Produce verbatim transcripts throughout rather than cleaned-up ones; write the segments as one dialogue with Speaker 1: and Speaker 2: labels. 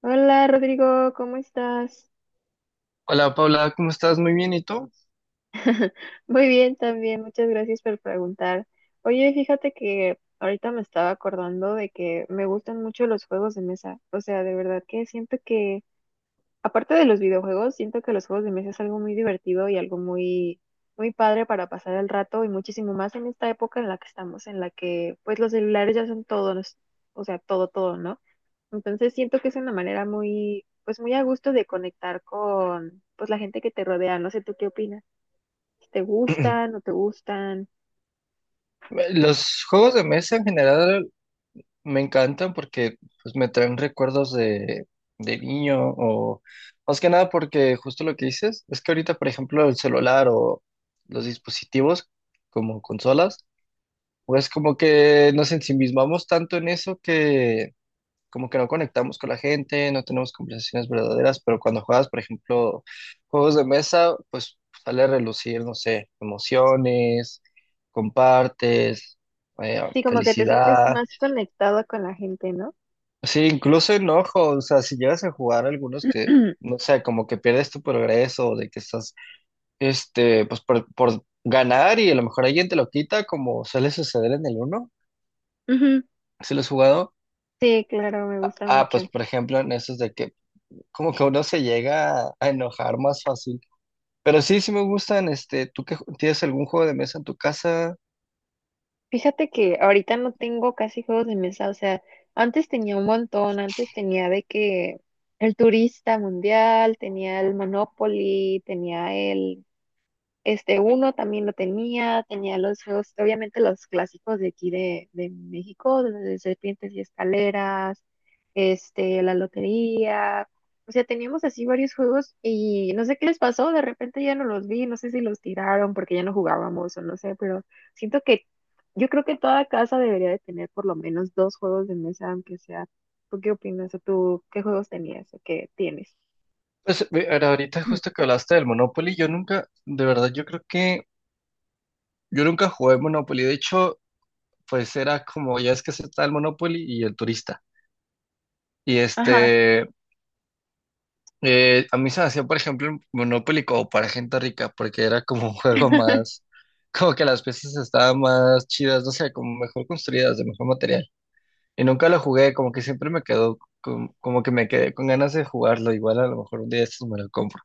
Speaker 1: Hola Rodrigo, ¿cómo estás?
Speaker 2: Hola Paula, ¿cómo estás? Muy bien, ¿y tú?
Speaker 1: Muy bien también, muchas gracias por preguntar. Oye, fíjate que ahorita me estaba acordando de que me gustan mucho los juegos de mesa. O sea, de verdad que siento que, aparte de los videojuegos, siento que los juegos de mesa es algo muy divertido y algo muy, muy padre para pasar el rato y muchísimo más en esta época en la que estamos, en la que pues los celulares ya son todo, nos- o sea, todo, todo, ¿no? Entonces siento que es una manera muy, pues muy a gusto de conectar con, pues la gente que te rodea. No sé, ¿tú qué opinas? Si ¿te gustan, no te gustan?
Speaker 2: Eh, Los juegos de mesa en general me encantan porque pues, me traen recuerdos de, de niño o más que nada porque justo lo que dices es que ahorita, por ejemplo, el celular o los dispositivos como consolas, pues como que nos ensimismamos tanto en eso, como que no conectamos con la gente, no tenemos conversaciones verdaderas, pero cuando juegas, por ejemplo, juegos de mesa, pues sale a relucir, no sé, emociones, compartes, eh,
Speaker 1: Sí, como que te sientes
Speaker 2: felicidad,
Speaker 1: más conectado con la gente, ¿no?
Speaker 2: sí, incluso enojo, o sea, si llegas a jugar algunos que, no sé, como que pierdes tu progreso, de que estás, este, pues por, por ganar y a lo mejor alguien te lo quita, como suele suceder en el uno,
Speaker 1: Ujú.
Speaker 2: si lo has jugado.
Speaker 1: Sí, claro, me gusta
Speaker 2: Ah, pues
Speaker 1: mucho.
Speaker 2: por ejemplo, en esos de que como que uno se llega a a enojar más fácil. Pero sí, sí me gustan, este, ¿tú que tienes algún juego de mesa en tu casa?
Speaker 1: Fíjate que ahorita no tengo casi juegos de mesa, o sea, antes tenía un montón, antes tenía de que el turista mundial, tenía el Monopoly, tenía el este uno también lo tenía, tenía los juegos, obviamente los clásicos de aquí de, de México, de Serpientes y Escaleras, este, la lotería. O sea, teníamos así varios juegos y no sé qué les pasó, de repente ya no los vi, no sé si los tiraron porque ya no jugábamos o no sé, pero siento que yo creo que toda casa debería de tener por lo menos dos juegos de mesa, aunque sea. ¿Tú qué opinas? ¿O tú qué juegos tenías o qué tienes?
Speaker 2: Pues ve- ahora- ahorita justo que hablaste del Monopoly, yo nunca, de verdad, yo creo que yo nunca jugué Monopoly. De hecho, pues era como, ya es que se está el Monopoly y el turista. Y
Speaker 1: Ajá,
Speaker 2: este, eh, a mí se me hacía, por ejemplo, el Monopoly como para gente rica, porque era como un juego más, como que las piezas estaban más chidas, no sé, como mejor construidas, de mejor material. Y nunca lo jugué, como que siempre me quedó, com- como, que me quedé con ganas de jugarlo, igual a lo mejor un día de estos me lo compro.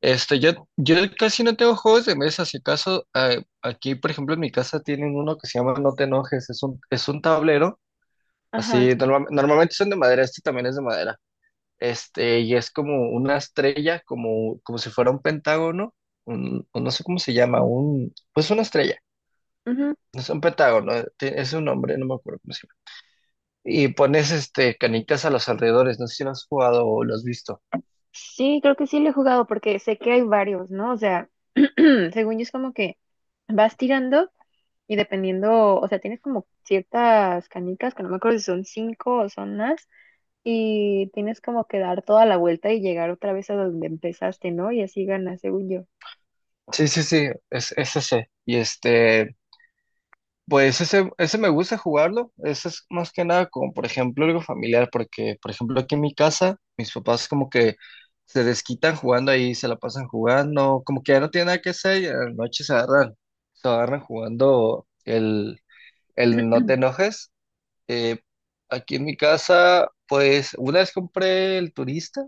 Speaker 2: Este, yo, yo casi no tengo juegos de mesa, si acaso, eh, aquí, por ejemplo, en mi casa tienen uno que se llama No te enojes, es un, es un tablero,
Speaker 1: ajá.
Speaker 2: así, norma- normalmente son de madera, este también es de madera, este, y es como una estrella, como, como si fuera un pentágono, un, o no sé cómo se llama, un, pues una estrella,
Speaker 1: Ujú.
Speaker 2: no es un pentágono, eh, tiene- es un nombre, no me acuerdo cómo se llama. Y pones este canitas a los alrededores. No sé si lo has jugado o lo has visto.
Speaker 1: Sí, creo que sí lo he jugado porque sé que hay varios, ¿no? O sea, según yo es como que vas tirando y dependiendo, o sea, tienes como ciertas canicas, que no me acuerdo si son cinco o son más, y tienes como que dar toda la vuelta y llegar otra vez a donde empezaste, ¿no? Y así ganas, según yo.
Speaker 2: Sí, sí, sí, es, es ese. Y este, pues ese, ese me gusta jugarlo. Ese es más que nada como, por ejemplo, algo familiar, porque, por ejemplo, aquí en mi casa, mis papás como que se desquitan jugando ahí, se la pasan jugando, como que ya no tienen nada que hacer y a la noche se agarran, se agarran jugando el, el no te enojes. Eh, aquí en mi casa, pues una vez compré el turista,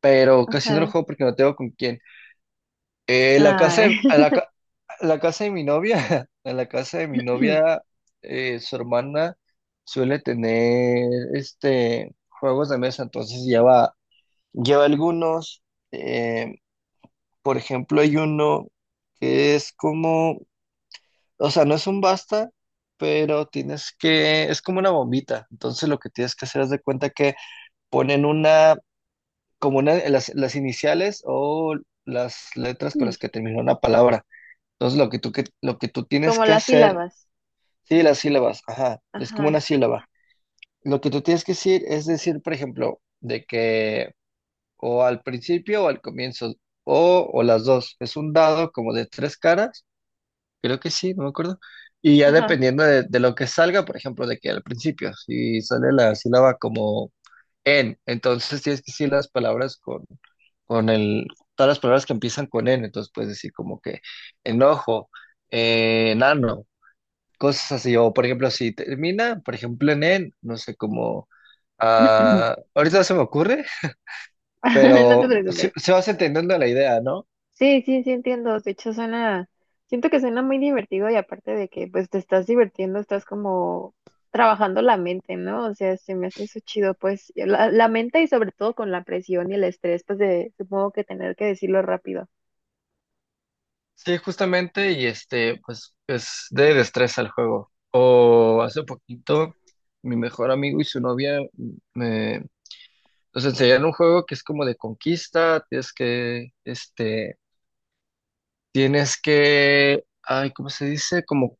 Speaker 2: pero casi no lo
Speaker 1: Ajá.
Speaker 2: juego porque no tengo con quién. Eh, la casa
Speaker 1: Ay.
Speaker 2: de, a la, ca- a la casa de mi novia, a la casa de mi novia, eh, su hermana suele tener este juegos de mesa, entonces lleva, lleva algunos. Eh, por ejemplo, hay uno que es como, o sea, no es un basta, pero tienes que, es como una bombita. Entonces lo que tienes que hacer es de cuenta que ponen una como una, las, las iniciales o las letras con las que termina una palabra. Entonces, lo que tú, que, lo que tú tienes
Speaker 1: Como
Speaker 2: que
Speaker 1: las
Speaker 2: hacer,
Speaker 1: sílabas.
Speaker 2: sí, las sílabas, ajá, es como
Speaker 1: Ajá,
Speaker 2: una sílaba. Lo que tú tienes que decir es decir, por ejemplo, de que o al principio o al comienzo, o, o las dos. Es un dado como de tres caras, creo que sí, no me acuerdo. Y ya
Speaker 1: ajá.
Speaker 2: dependiendo de, de lo que salga, por ejemplo, de que al principio, si sale la sílaba como en, entonces tienes que decir las palabras con con el, todas las palabras que empiezan con N, entonces puedes decir como que enojo, eh, enano, cosas así, o por ejemplo, si termina, por ejemplo, en N, no sé cómo, ah, ahorita no se me ocurre,
Speaker 1: No te
Speaker 2: pero se,
Speaker 1: preocupes.
Speaker 2: se vas entendiendo la idea, ¿no?
Speaker 1: Sí, sí, sí entiendo. De hecho, suena, siento que suena muy divertido y aparte de que pues te estás divirtiendo, estás como trabajando la mente, ¿no? O sea, se me hace eso chido, pues, y la, la mente y sobre todo con la presión y el estrés, pues de supongo que tener que decirlo rápido.
Speaker 2: Sí, justamente, y este, pues es de destreza el juego. O hace poquito, mi mejor amigo y su novia me... Nos enseñaron un juego que es como de conquista, tienes que, este, tienes que, ay, ¿cómo se dice? Como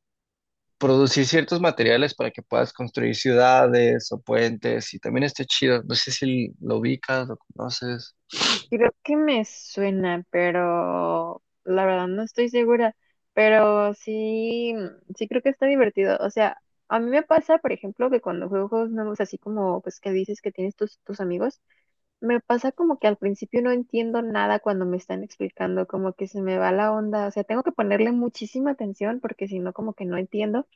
Speaker 2: producir ciertos materiales para que puedas construir ciudades o puentes y también está chido. No sé si lo ubicas, lo conoces.
Speaker 1: Creo que me suena, pero la verdad no estoy segura. Pero sí, sí creo que está divertido. O sea, a mí me pasa, por ejemplo, que cuando juego juegos nuevos, así como pues que dices que tienes tus, tus amigos. Me pasa como que al principio no entiendo nada cuando me están explicando, como que se me va la onda, o sea, tengo que ponerle muchísima atención porque si no, como que no entiendo.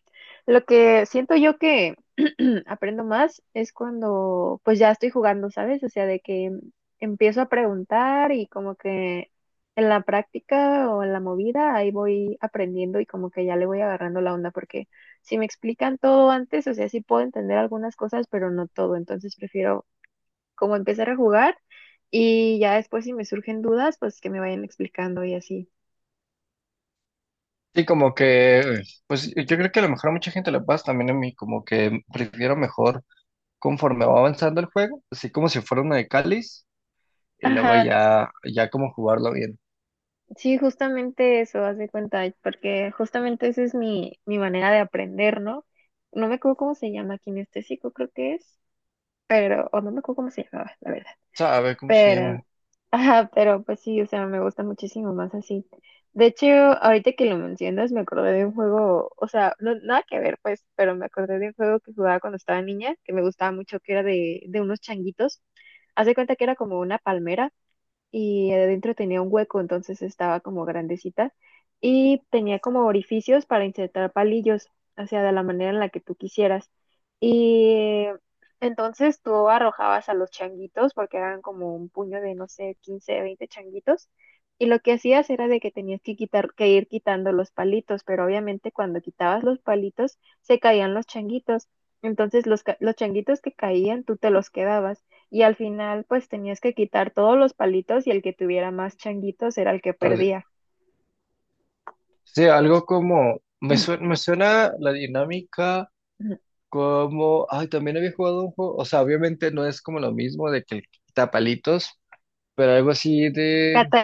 Speaker 1: Lo que siento yo que aprendo más es cuando pues ya estoy jugando, ¿sabes? O sea, de que em, empiezo a preguntar y como que en la práctica o en la movida ahí voy aprendiendo y como que ya le voy agarrando la onda porque si me explican todo antes, o sea, sí puedo entender algunas cosas, pero no todo, entonces prefiero como empezar a jugar y ya después si me surgen dudas, pues que me vayan explicando y así.
Speaker 2: Sí, como que, pues yo creo que a lo mejor a mucha gente le pasa también a mí, como que prefiero mejor conforme va avanzando el juego, así como si fuera una de cáliz y luego
Speaker 1: Ajá,
Speaker 2: ya, ya como jugarlo bien.
Speaker 1: sí, justamente eso, haz de cuenta, porque justamente esa es mi, mi manera de aprender, ¿no? No me acuerdo cómo se llama, kinestésico, creo que es, pero, o no me acuerdo cómo se llamaba, la verdad.
Speaker 2: ¿Sabe cómo se
Speaker 1: Pero,
Speaker 2: llama?
Speaker 1: ajá, pero pues sí, o sea, me gusta muchísimo más así. De hecho, ahorita que lo mencionas, me acordé de un juego, o sea, no, nada que ver, pues, pero me acordé de un juego que jugaba cuando estaba niña, que me gustaba mucho, que era de, de unos changuitos. Haz de cuenta que era como una palmera y adentro tenía un hueco, entonces estaba como grandecita y tenía como orificios para insertar palillos, o sea, de la manera en la que tú quisieras. Y entonces tú arrojabas a los changuitos, porque eran como un puño de, no sé, quince veinte changuitos. Y lo que hacías era de que tenías que quitar, que ir quitando los palitos, pero obviamente cuando quitabas los palitos se caían los changuitos. Entonces los, ca- los changuitos que caían tú te los quedabas y al final pues tenías que quitar todos los palitos y el que tuviera más changuitos era el que
Speaker 2: Perde-
Speaker 1: perdía.
Speaker 2: Sí, algo como, me suena, me suena la dinámica. Como, ay, también había jugado un juego, o sea, obviamente no es como lo mismo de que el tapalitos, pero algo así de,
Speaker 1: Cata-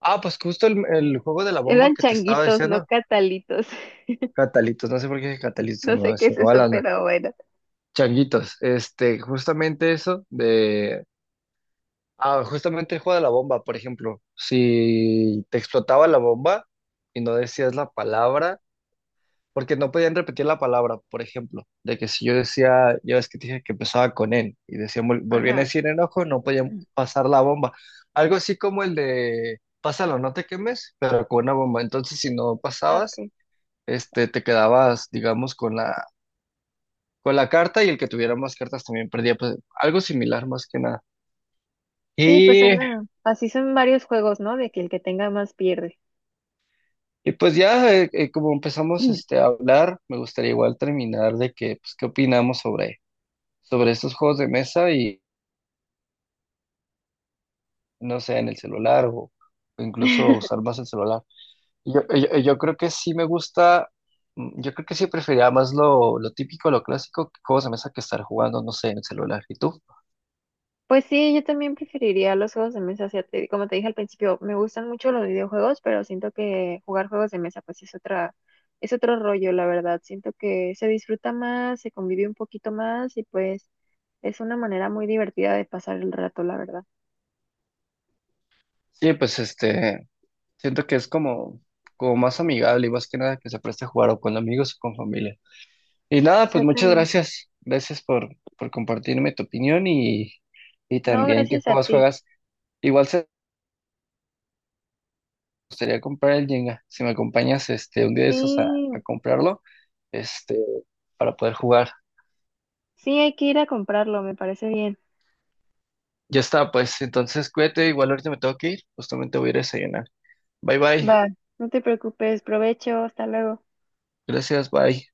Speaker 2: ah, pues justo el, el juego de la bomba
Speaker 1: eran
Speaker 2: que te estaba
Speaker 1: changuitos, no
Speaker 2: diciendo.
Speaker 1: catalitos.
Speaker 2: Catalitos, no sé por qué dije Catalitos, se
Speaker 1: No
Speaker 2: me
Speaker 1: sé
Speaker 2: va
Speaker 1: qué
Speaker 2: se
Speaker 1: es
Speaker 2: me va
Speaker 1: eso,
Speaker 2: la onda.
Speaker 1: pero bueno.
Speaker 2: Changuitos, este, justamente eso de, ah, justamente el juego de la bomba, por ejemplo, si te explotaba la bomba y no decías la palabra, porque no podían repetir la palabra, por ejemplo, de que si yo decía, ya ves que te dije que empezaba con N, y decía, vol- volvían a
Speaker 1: Ajá.
Speaker 2: decir enojo, no podían pasar la bomba. Algo así como el de, pásalo, no te quemes, pero con una bomba. Entonces, si no pasabas,
Speaker 1: Okay.
Speaker 2: este, te quedabas, digamos, con la, con la carta y el que tuviera más cartas también perdía, pues, algo similar más que nada.
Speaker 1: Sí, pues
Speaker 2: Y,
Speaker 1: Ana, así son varios juegos, ¿no? De que el que tenga más pierde.
Speaker 2: y pues ya, eh, eh, como empezamos este, a hablar, me gustaría igual terminar de que, pues, qué opinamos sobre, sobre estos juegos de mesa, no sé, en el celular o, o incluso usar más el celular. Y Yo, y yo, y yo creo que sí me gusta, mm, yo creo que sí preferiría más lo, lo típico, lo clásico, que juegos de mesa que estar jugando, no sé, en el celular. ¿Y tú?
Speaker 1: Pues sí, yo también preferiría los juegos de mesa. O sea, te- como te dije al principio, me gustan mucho los videojuegos, pero siento que jugar juegos de mesa pues es otra, es otro rollo, la verdad. Siento que se disfruta más, se convive un poquito más y pues es una manera muy divertida de pasar el rato, la verdad.
Speaker 2: Sí, pues este, siento que es como, como más amigable y más que nada que se preste a jugar o con amigos o con familia. Y nada, pues muchas
Speaker 1: Exactamente.
Speaker 2: gracias. Gracias por, por compartirme tu opinión y, y
Speaker 1: No,
Speaker 2: también qué
Speaker 1: gracias a
Speaker 2: juegos
Speaker 1: ti.
Speaker 2: juegas. Igual se gustaría comprar el Jenga. Si me acompañas este, un día de
Speaker 1: Sí,
Speaker 2: esos a, a comprarlo, este, para poder jugar.
Speaker 1: sí hay que ir a comprarlo, me parece bien.
Speaker 2: Ya está, pues entonces cuídate, igual ahorita me tengo que ir, justamente voy a ir a desayunar. Bye
Speaker 1: Va,
Speaker 2: bye,
Speaker 1: no te preocupes, provecho, hasta luego.
Speaker 2: gracias, bye.